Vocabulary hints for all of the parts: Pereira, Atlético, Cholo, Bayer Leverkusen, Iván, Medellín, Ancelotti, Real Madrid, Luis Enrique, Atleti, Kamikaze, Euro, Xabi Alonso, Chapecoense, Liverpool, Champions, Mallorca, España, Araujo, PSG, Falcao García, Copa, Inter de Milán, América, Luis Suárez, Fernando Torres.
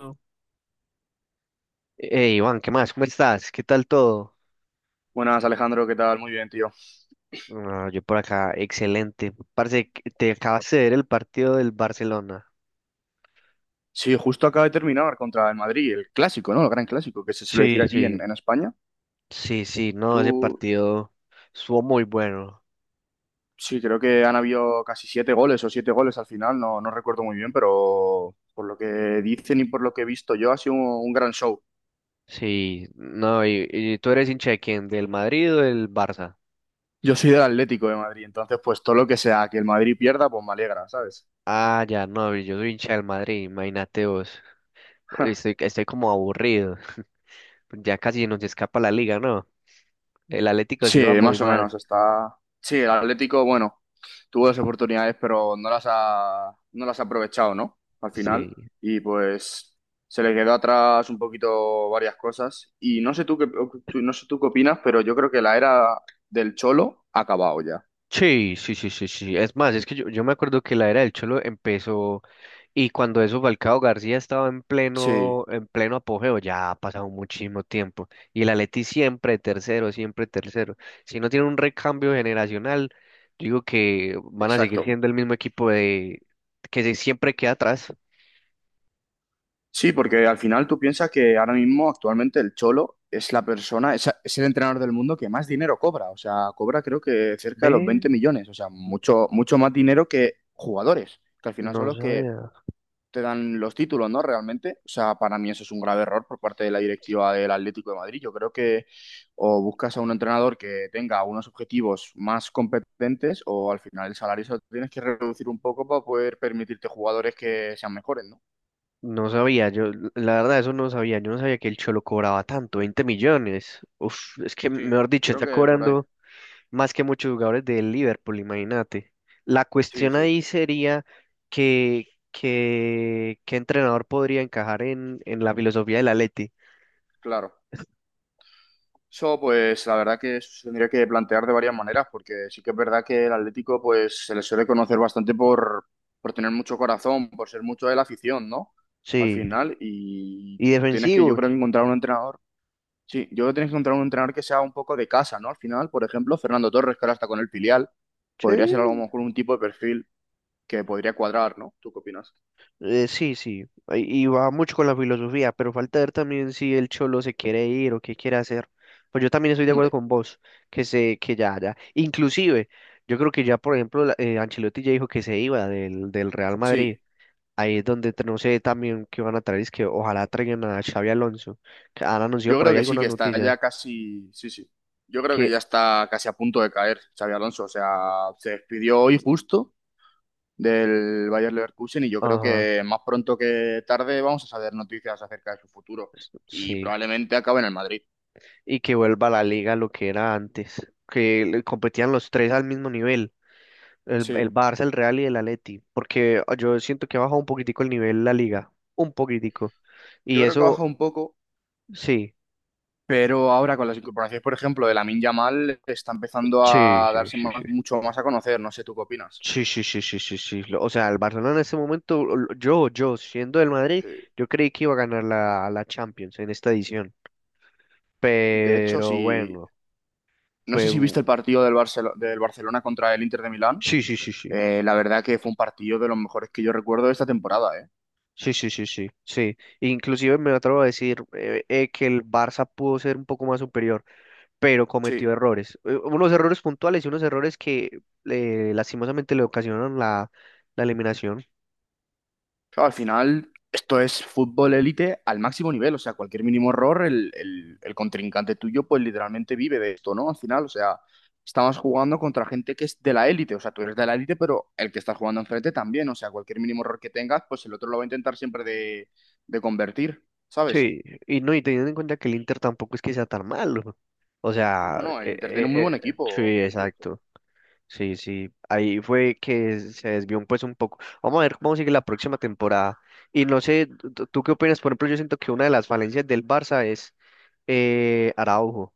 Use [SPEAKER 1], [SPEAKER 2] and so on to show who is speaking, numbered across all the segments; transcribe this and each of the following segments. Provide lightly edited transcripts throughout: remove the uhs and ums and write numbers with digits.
[SPEAKER 1] No. Hey, Iván, ¿qué más? ¿Cómo estás? ¿Qué tal todo?
[SPEAKER 2] Buenas, Alejandro, ¿qué tal? Muy bien, tío.
[SPEAKER 1] No, yo por acá, excelente. Parece que te acabas de ver el partido del Barcelona.
[SPEAKER 2] Sí, justo acaba de terminar contra el Madrid, el clásico, ¿no? El gran clásico, que se suele
[SPEAKER 1] Sí,
[SPEAKER 2] decir aquí
[SPEAKER 1] sí.
[SPEAKER 2] en España.
[SPEAKER 1] Sí, sí, no, ese
[SPEAKER 2] Tú,
[SPEAKER 1] partido estuvo muy bueno.
[SPEAKER 2] sí, creo que han habido casi siete goles o siete goles al final, no, no recuerdo muy bien, pero por lo que dicen y por lo que he visto yo, ha sido un gran show.
[SPEAKER 1] Sí, no, y tú eres hincha de quién, ¿del Madrid o del Barça?
[SPEAKER 2] Yo soy del Atlético de Madrid, entonces pues todo lo que sea que el Madrid pierda, pues me alegra, ¿sabes?
[SPEAKER 1] Ah, ya, no, yo soy hincha del Madrid, imagínate vos. Estoy como aburrido. Ya casi nos escapa la liga, ¿no? El Atlético
[SPEAKER 2] Sí,
[SPEAKER 1] sí va muy
[SPEAKER 2] más o
[SPEAKER 1] mal.
[SPEAKER 2] menos. Está. Sí, el Atlético, bueno, tuvo dos oportunidades, pero no las ha aprovechado, ¿no? Al
[SPEAKER 1] Sí.
[SPEAKER 2] final. Y pues se le quedó atrás un poquito varias cosas. Y no sé tú qué, tú- no sé tú qué opinas, pero yo creo que la era del Cholo ha acabado ya.
[SPEAKER 1] Sí, sí, sí, sí, sí. Es más, es que yo me acuerdo que la era del Cholo empezó y cuando eso Falcao García estaba
[SPEAKER 2] Sí,
[SPEAKER 1] en pleno apogeo, ya ha pasado muchísimo tiempo. Y el Atleti siempre tercero, siempre tercero. Si no tiene un recambio generacional, yo digo que van a seguir
[SPEAKER 2] exacto.
[SPEAKER 1] siendo el mismo equipo de siempre queda atrás.
[SPEAKER 2] Sí, porque al final tú piensas que ahora mismo, actualmente, el Cholo es la persona, es el entrenador del mundo que más dinero cobra. O sea, cobra creo que cerca de los
[SPEAKER 1] Ve,
[SPEAKER 2] 20 millones. O sea, mucho, mucho más dinero que jugadores, que al final son
[SPEAKER 1] no
[SPEAKER 2] los que
[SPEAKER 1] sabía,
[SPEAKER 2] te dan los títulos, ¿no? Realmente. O sea, para mí eso es un grave error por parte de la directiva del Atlético de Madrid. Yo creo que o buscas a un entrenador que tenga unos objetivos más competentes o al final el salario se lo tienes que reducir un poco para poder permitirte jugadores que sean mejores, ¿no?
[SPEAKER 1] no sabía, yo la verdad eso no sabía, yo no sabía que el Cholo cobraba tanto, 20 millones. Uf, es que
[SPEAKER 2] Sí,
[SPEAKER 1] mejor dicho,
[SPEAKER 2] creo
[SPEAKER 1] está
[SPEAKER 2] que por ahí.
[SPEAKER 1] cobrando más que muchos jugadores del Liverpool, imagínate. La
[SPEAKER 2] Sí,
[SPEAKER 1] cuestión
[SPEAKER 2] sí,
[SPEAKER 1] ahí sería que, que, qué entrenador podría encajar en la filosofía del Atleti.
[SPEAKER 2] claro. Eso, pues, la verdad que se tendría que plantear de varias maneras, porque sí que es verdad que el Atlético, pues, se le suele conocer bastante por tener mucho corazón, por ser mucho de la afición, ¿no? Al
[SPEAKER 1] Sí,
[SPEAKER 2] final, y
[SPEAKER 1] y
[SPEAKER 2] tienes que, yo
[SPEAKER 1] defensivos.
[SPEAKER 2] creo, que encontrar un entrenador. Sí, yo creo que tienes que encontrar un entrenador que sea un poco de casa, ¿no? Al final, por ejemplo, Fernando Torres, que ahora está con el filial,
[SPEAKER 1] Sí,
[SPEAKER 2] podría ser a lo mejor un tipo de perfil que podría cuadrar, ¿no? ¿Tú qué opinas?
[SPEAKER 1] sí, sí. Y va mucho con la filosofía, pero falta ver también si el Cholo se quiere ir o qué quiere hacer. Pues yo también estoy de acuerdo
[SPEAKER 2] Hombre,
[SPEAKER 1] con vos, que se, que ya, ya. Inclusive, yo creo que ya, por ejemplo, Ancelotti ya dijo que se iba del, del Real Madrid.
[SPEAKER 2] sí.
[SPEAKER 1] Ahí es donde no sé también qué van a traer, es que ojalá traigan a Xavi Alonso, que han anunciado
[SPEAKER 2] Yo
[SPEAKER 1] por
[SPEAKER 2] creo
[SPEAKER 1] ahí
[SPEAKER 2] que sí,
[SPEAKER 1] algunas
[SPEAKER 2] que está
[SPEAKER 1] noticias,
[SPEAKER 2] ya casi, sí, sí. Yo creo que
[SPEAKER 1] que,
[SPEAKER 2] ya está casi a punto de caer Xabi Alonso. O sea, se despidió hoy justo del Bayer Leverkusen y yo creo
[SPEAKER 1] ajá,
[SPEAKER 2] que más pronto que tarde vamos a saber noticias acerca de su futuro y
[SPEAKER 1] sí,
[SPEAKER 2] probablemente acabe en el Madrid.
[SPEAKER 1] y que vuelva a la liga lo que era antes, que le competían los tres al mismo nivel,
[SPEAKER 2] Sí,
[SPEAKER 1] el Barça, el Real y el Atleti, porque yo siento que ha bajado un poquitico el nivel la liga, un poquitico, y
[SPEAKER 2] yo creo que ha bajado
[SPEAKER 1] eso,
[SPEAKER 2] un poco,
[SPEAKER 1] sí,
[SPEAKER 2] pero ahora con las incorporaciones, por ejemplo, de Lamine Yamal está empezando
[SPEAKER 1] sí,
[SPEAKER 2] a
[SPEAKER 1] sí,
[SPEAKER 2] darse
[SPEAKER 1] sí, sí.
[SPEAKER 2] más, mucho más a conocer. No sé, ¿tú qué opinas?
[SPEAKER 1] Sí, sí, sí, sí, sí, sí. O sea, el Barcelona en ese momento, yo, siendo del Madrid,
[SPEAKER 2] Sí.
[SPEAKER 1] yo creí que iba a ganar la Champions en esta edición.
[SPEAKER 2] De hecho,
[SPEAKER 1] Pero bueno,
[SPEAKER 2] no sé
[SPEAKER 1] fue...
[SPEAKER 2] si
[SPEAKER 1] u-
[SPEAKER 2] viste el partido del del Barcelona contra el Inter de Milán.
[SPEAKER 1] sí, sí, sí, sí.
[SPEAKER 2] La verdad que fue un partido de los mejores que yo recuerdo de esta temporada, ¿eh?
[SPEAKER 1] Sí, sí, sí, sí, sí. Inclusive me atrevo a decir que el Barça pudo ser un poco más superior, pero
[SPEAKER 2] Sí,
[SPEAKER 1] cometió errores. Unos errores puntuales y unos errores que lastimosamente le ocasionaron la eliminación.
[SPEAKER 2] claro, al final, esto es fútbol élite al máximo nivel, o sea, cualquier mínimo error, el contrincante tuyo, pues literalmente vive de esto, ¿no? Al final, o sea, estamos jugando contra gente que es de la élite, o sea, tú eres de la élite, pero el que está jugando enfrente también, o sea, cualquier mínimo error que tengas, pues el otro lo va a intentar siempre de convertir, ¿sabes?
[SPEAKER 1] Sí, y no, y teniendo en cuenta que el Inter tampoco es que sea tan malo. O sea,
[SPEAKER 2] No, no, el Inter tiene un muy buen
[SPEAKER 1] sí,
[SPEAKER 2] equipo, por cierto.
[SPEAKER 1] exacto. Sí, sí. Ahí fue que se desvió un, pues un poco. Vamos a ver cómo sigue la próxima temporada. Y no sé, tú qué opinas? Por ejemplo, yo siento que una de las falencias del Barça es Araujo.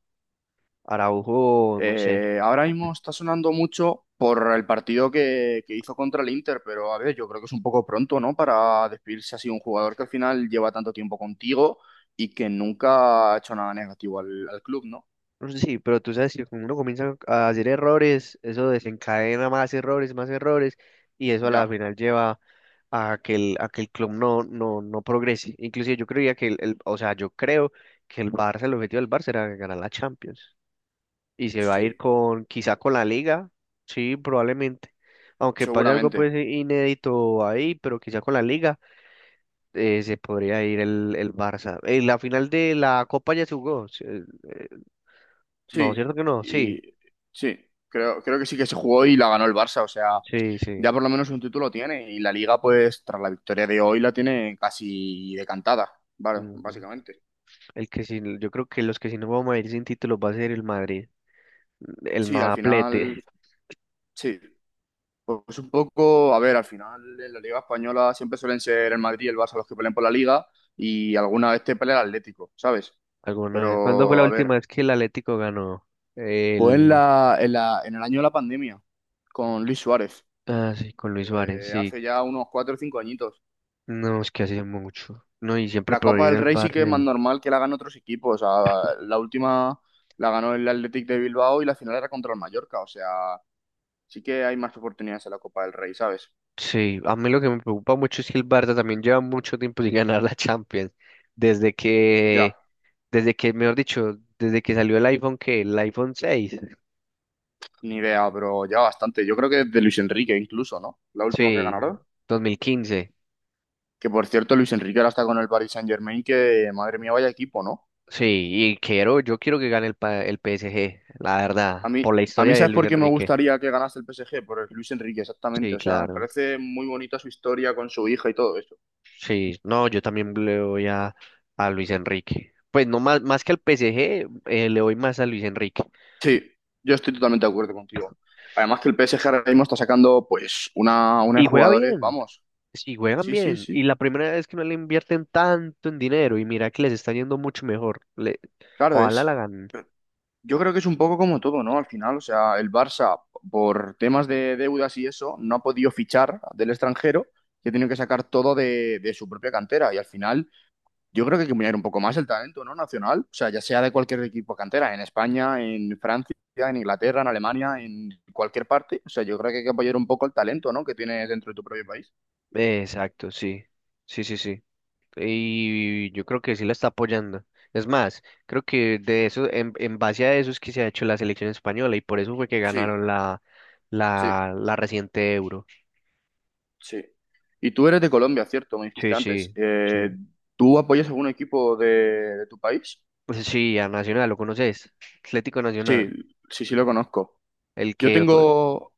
[SPEAKER 1] Araujo, no sé.
[SPEAKER 2] Ahora mismo está sonando mucho por el partido que hizo contra el Inter, pero a ver, yo creo que es un poco pronto, ¿no? Para despedirse así de un jugador que al final lleva tanto tiempo contigo y que nunca ha hecho nada negativo al club, ¿no?
[SPEAKER 1] No sé. Sí, pero tú sabes que cuando uno comienza a hacer errores, eso desencadena más errores, y eso a la
[SPEAKER 2] Ya,
[SPEAKER 1] final lleva a que a que el club no progrese. Inclusive yo creía que o sea, yo creo que el Barça, el objetivo del Barça era ganar la Champions. Y se va a ir
[SPEAKER 2] sí,
[SPEAKER 1] con, quizá con la Liga, sí, probablemente. Aunque pase algo
[SPEAKER 2] seguramente.
[SPEAKER 1] pues inédito ahí, pero quizá con la Liga se podría ir el Barça. La final de la Copa ya se jugó. Eh, no,
[SPEAKER 2] Sí,
[SPEAKER 1] ¿cierto que no? Sí.
[SPEAKER 2] y sí, creo que sí que se jugó y la ganó el Barça, o sea,
[SPEAKER 1] Sí,
[SPEAKER 2] ya
[SPEAKER 1] sí.
[SPEAKER 2] por lo menos un título tiene y la Liga, pues, tras la victoria de hoy la tiene casi decantada, ¿vale?
[SPEAKER 1] Ujú.
[SPEAKER 2] Básicamente.
[SPEAKER 1] El que sí, yo creo que los que sí nos vamos a ir sin títulos va a ser el Madrid, el
[SPEAKER 2] Sí, al final,
[SPEAKER 1] Madaplete.
[SPEAKER 2] sí. Pues un poco, a ver, al final en la Liga Española siempre suelen ser el Madrid y el Barça los que pelean por la Liga y alguna vez te pelea el Atlético, ¿sabes?
[SPEAKER 1] ¿Alguna vez? ¿Cuándo fue la
[SPEAKER 2] Pero, a
[SPEAKER 1] última
[SPEAKER 2] ver,
[SPEAKER 1] vez que el Atlético ganó?
[SPEAKER 2] pues
[SPEAKER 1] El...
[SPEAKER 2] en el año de la pandemia, con Luis Suárez,
[SPEAKER 1] Ah, sí, con Luis Suárez,
[SPEAKER 2] que
[SPEAKER 1] sí.
[SPEAKER 2] hace ya unos cuatro o cinco añitos.
[SPEAKER 1] No, es que hace mucho. No, y siempre
[SPEAKER 2] La Copa
[SPEAKER 1] proviene
[SPEAKER 2] del
[SPEAKER 1] el
[SPEAKER 2] Rey sí que es
[SPEAKER 1] Barça.
[SPEAKER 2] más normal que la ganen otros equipos. O sea, la última la ganó el Athletic de Bilbao y la final era contra el Mallorca. O sea, sí que hay más oportunidades en la Copa del Rey, ¿sabes?
[SPEAKER 1] Sí, a mí lo que me preocupa mucho es que el Barça también lleva mucho tiempo sin ganar la Champions. Desde
[SPEAKER 2] Ya.
[SPEAKER 1] que, desde que, mejor dicho, desde que salió el iPhone, que el iPhone 6.
[SPEAKER 2] Ni idea, pero ya bastante. Yo creo que de Luis Enrique incluso, ¿no? La última que
[SPEAKER 1] Sí,
[SPEAKER 2] ganaron.
[SPEAKER 1] 2015.
[SPEAKER 2] Que por cierto, Luis Enrique ahora está con el Paris Saint-Germain, que madre mía, vaya equipo, ¿no?
[SPEAKER 1] Sí, y quiero, yo quiero que gane el PSG, la
[SPEAKER 2] A
[SPEAKER 1] verdad,
[SPEAKER 2] mí,
[SPEAKER 1] por la
[SPEAKER 2] a
[SPEAKER 1] historia
[SPEAKER 2] mí,
[SPEAKER 1] de
[SPEAKER 2] ¿sabes
[SPEAKER 1] Luis
[SPEAKER 2] por qué me
[SPEAKER 1] Enrique.
[SPEAKER 2] gustaría que ganase el PSG? Por el Luis Enrique, exactamente.
[SPEAKER 1] Sí,
[SPEAKER 2] O sea, me
[SPEAKER 1] claro.
[SPEAKER 2] parece muy bonita su historia con su hija y todo eso.
[SPEAKER 1] Sí, no, yo también le voy a Luis Enrique. Pues no más, más que al PSG, le doy más a Luis Enrique.
[SPEAKER 2] Sí, yo estoy totalmente de acuerdo contigo. Además que el PSG ahora mismo está sacando, pues, una de
[SPEAKER 1] Y juega
[SPEAKER 2] jugadores,
[SPEAKER 1] bien,
[SPEAKER 2] vamos.
[SPEAKER 1] sí, juegan
[SPEAKER 2] Sí, sí,
[SPEAKER 1] bien. Y
[SPEAKER 2] sí.
[SPEAKER 1] la primera vez que no le invierten tanto en dinero y mira que les está yendo mucho mejor. Le,
[SPEAKER 2] Claro
[SPEAKER 1] ojalá la
[SPEAKER 2] es.
[SPEAKER 1] ganen.
[SPEAKER 2] Yo creo que es un poco como todo, ¿no? Al final, o sea, el Barça, por temas de deudas y eso, no ha podido fichar del extranjero y ha tenido que sacar todo de su propia cantera. Y al final, yo creo que hay que mirar un poco más el talento, ¿no? Nacional, o sea, ya sea de cualquier equipo cantera, en España, en Francia, en Inglaterra, en Alemania, en cualquier parte. O sea, yo creo que hay que apoyar un poco el talento, ¿no? Que tienes dentro de tu propio país.
[SPEAKER 1] Exacto, sí, sí, sí, sí. Y yo creo que sí la está apoyando. Es más, creo que de eso, en base a eso es que se ha hecho la selección española y por eso fue que
[SPEAKER 2] Sí,
[SPEAKER 1] ganaron
[SPEAKER 2] sí,
[SPEAKER 1] la reciente Euro.
[SPEAKER 2] sí. Y tú eres de Colombia, ¿cierto? Me
[SPEAKER 1] Sí,
[SPEAKER 2] dijiste antes.
[SPEAKER 1] sí, sí.
[SPEAKER 2] ¿Tú apoyas algún equipo de tu país?
[SPEAKER 1] Pues sí, a Nacional, ¿lo conoces? Atlético
[SPEAKER 2] Sí,
[SPEAKER 1] Nacional,
[SPEAKER 2] sí, sí lo conozco.
[SPEAKER 1] el
[SPEAKER 2] Yo
[SPEAKER 1] que... fue-
[SPEAKER 2] tengo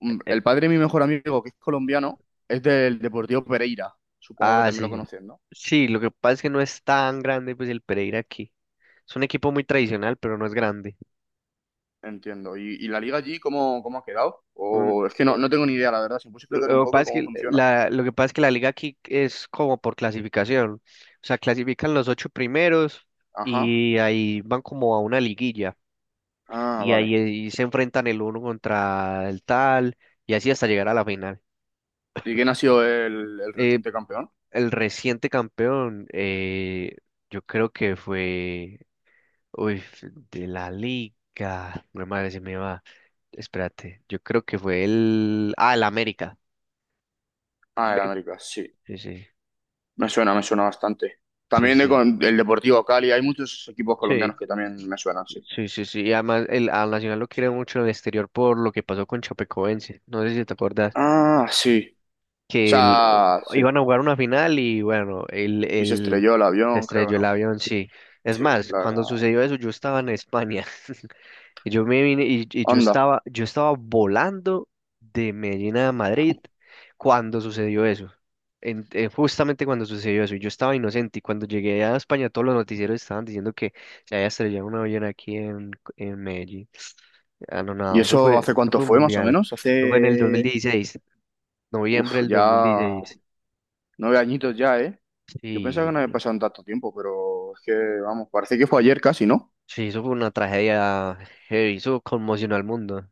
[SPEAKER 1] eh,
[SPEAKER 2] el padre de mi mejor amigo, que es colombiano, es del Deportivo Pereira. Supongo que
[SPEAKER 1] ah,
[SPEAKER 2] también lo
[SPEAKER 1] sí.
[SPEAKER 2] conoces, ¿no?
[SPEAKER 1] Sí, lo que pasa es que no es tan grande pues el Pereira aquí. Es un equipo muy tradicional, pero no es grande.
[SPEAKER 2] Entiendo. Y la liga allí cómo, cómo ha quedado? O es que no, no tengo ni idea, la verdad. Si me puedes explicar un
[SPEAKER 1] Lo que pasa
[SPEAKER 2] poco
[SPEAKER 1] es que
[SPEAKER 2] cómo funciona.
[SPEAKER 1] lo que pasa es que la liga aquí es como por clasificación. O sea, clasifican los 8 primeros
[SPEAKER 2] Ajá.
[SPEAKER 1] y ahí van como a una liguilla.
[SPEAKER 2] Ah,
[SPEAKER 1] Y
[SPEAKER 2] vale.
[SPEAKER 1] ahí se enfrentan el uno contra el tal y así hasta llegar a la final.
[SPEAKER 2] ¿Y quién ha sido el
[SPEAKER 1] Eh,
[SPEAKER 2] reciente campeón?
[SPEAKER 1] el reciente campeón, yo creo que fue... Uy, de la liga. Mi madre se me va. Espérate, yo creo que fue el... Ah, el América.
[SPEAKER 2] Ah, el
[SPEAKER 1] Ve-
[SPEAKER 2] América, sí.
[SPEAKER 1] Sí, sí,
[SPEAKER 2] Me suena bastante.
[SPEAKER 1] sí,
[SPEAKER 2] También
[SPEAKER 1] sí.
[SPEAKER 2] el Deportivo Cali, hay muchos equipos
[SPEAKER 1] Sí.
[SPEAKER 2] colombianos que también me suenan, sí.
[SPEAKER 1] Sí, sí, sí. Y además al Nacional lo quiere mucho en el exterior por lo que pasó con Chapecoense. No sé si te acuerdas
[SPEAKER 2] Ah, sí. O
[SPEAKER 1] que
[SPEAKER 2] sea, sí.
[SPEAKER 1] iban a jugar una final y bueno,
[SPEAKER 2] Y se estrelló el
[SPEAKER 1] se
[SPEAKER 2] avión, creo,
[SPEAKER 1] estrelló el
[SPEAKER 2] ¿no?
[SPEAKER 1] avión, sí. Es
[SPEAKER 2] Sí,
[SPEAKER 1] más,
[SPEAKER 2] la
[SPEAKER 1] cuando
[SPEAKER 2] verdad.
[SPEAKER 1] sucedió eso yo estaba en España. Y yo me vine y,
[SPEAKER 2] Anda.
[SPEAKER 1] yo estaba volando de Medellín a Madrid cuando sucedió eso. Justamente cuando sucedió eso, y yo estaba inocente y cuando llegué a España todos los noticieros estaban diciendo que se había estrellado un avión aquí en Medellín. Ah, no,
[SPEAKER 2] ¿Y
[SPEAKER 1] no,
[SPEAKER 2] eso hace
[SPEAKER 1] eso
[SPEAKER 2] cuánto
[SPEAKER 1] fue un
[SPEAKER 2] fue, más o
[SPEAKER 1] mundial.
[SPEAKER 2] menos?
[SPEAKER 1] Eso fue en el dos mil
[SPEAKER 2] Hace...
[SPEAKER 1] dieciséis,
[SPEAKER 2] Uf,
[SPEAKER 1] noviembre del
[SPEAKER 2] ya...
[SPEAKER 1] 2016.
[SPEAKER 2] Nueve añitos ya, ¿eh? Yo pensaba que
[SPEAKER 1] Sí,
[SPEAKER 2] no había
[SPEAKER 1] sí,
[SPEAKER 2] pasado en tanto tiempo, pero es que, vamos, parece que fue ayer casi, ¿no?
[SPEAKER 1] sí, eso fue una tragedia heavy, eso conmocionó al mundo.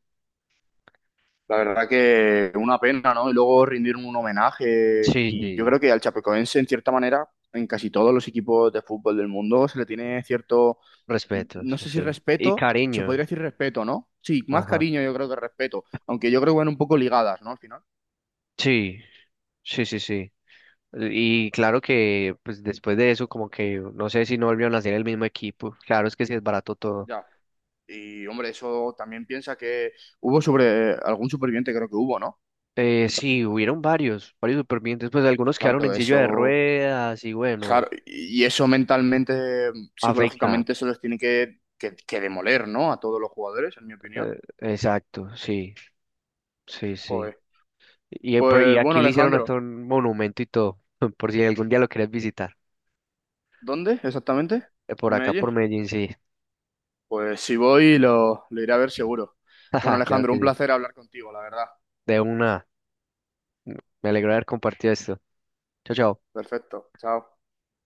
[SPEAKER 2] La verdad que una pena, ¿no? Y luego rendir un homenaje.
[SPEAKER 1] Sí,
[SPEAKER 2] Y yo
[SPEAKER 1] sí,
[SPEAKER 2] creo que al chapecoense, en cierta manera, en casi todos los equipos de fútbol del mundo se le tiene cierto,
[SPEAKER 1] respeto,
[SPEAKER 2] no
[SPEAKER 1] sí,
[SPEAKER 2] sé si
[SPEAKER 1] sí. Y
[SPEAKER 2] respeto, se
[SPEAKER 1] cariño.
[SPEAKER 2] podría decir respeto, ¿no? Sí, más
[SPEAKER 1] Ajá.
[SPEAKER 2] cariño yo creo que respeto, aunque yo creo que van un poco ligadas, ¿no? Al final.
[SPEAKER 1] Sí, sí, sí, sí. Y claro que pues después de eso como que no sé si no volvieron a ser el mismo equipo. Claro, es que sí es barato todo.
[SPEAKER 2] Ya. Y hombre, eso también piensa que hubo sobre algún superviviente, creo que hubo, ¿no?
[SPEAKER 1] Sí, hubieron varios, varios supervivientes, pues algunos quedaron en
[SPEAKER 2] Claro,
[SPEAKER 1] silla de
[SPEAKER 2] eso,
[SPEAKER 1] ruedas y bueno,
[SPEAKER 2] claro, y eso mentalmente,
[SPEAKER 1] afecta.
[SPEAKER 2] psicológicamente, eso los tiene que demoler, ¿no? A todos los jugadores, en mi opinión.
[SPEAKER 1] Exacto, sí, sí, sí.
[SPEAKER 2] Joder.
[SPEAKER 1] Y, y
[SPEAKER 2] Pues bueno,
[SPEAKER 1] aquí le hicieron hasta
[SPEAKER 2] Alejandro,
[SPEAKER 1] un monumento y todo, por si algún día lo quieres visitar.
[SPEAKER 2] ¿dónde exactamente?
[SPEAKER 1] Por
[SPEAKER 2] ¿En
[SPEAKER 1] acá,
[SPEAKER 2] Medellín?
[SPEAKER 1] por Medellín, sí.
[SPEAKER 2] Pues si voy, lo iré a ver seguro. Bueno,
[SPEAKER 1] Jaja, claro
[SPEAKER 2] Alejandro,
[SPEAKER 1] que
[SPEAKER 2] un
[SPEAKER 1] sí.
[SPEAKER 2] placer hablar contigo, la verdad.
[SPEAKER 1] De una, me alegro de haber compartido esto. Chao, chao.
[SPEAKER 2] Perfecto. Chao.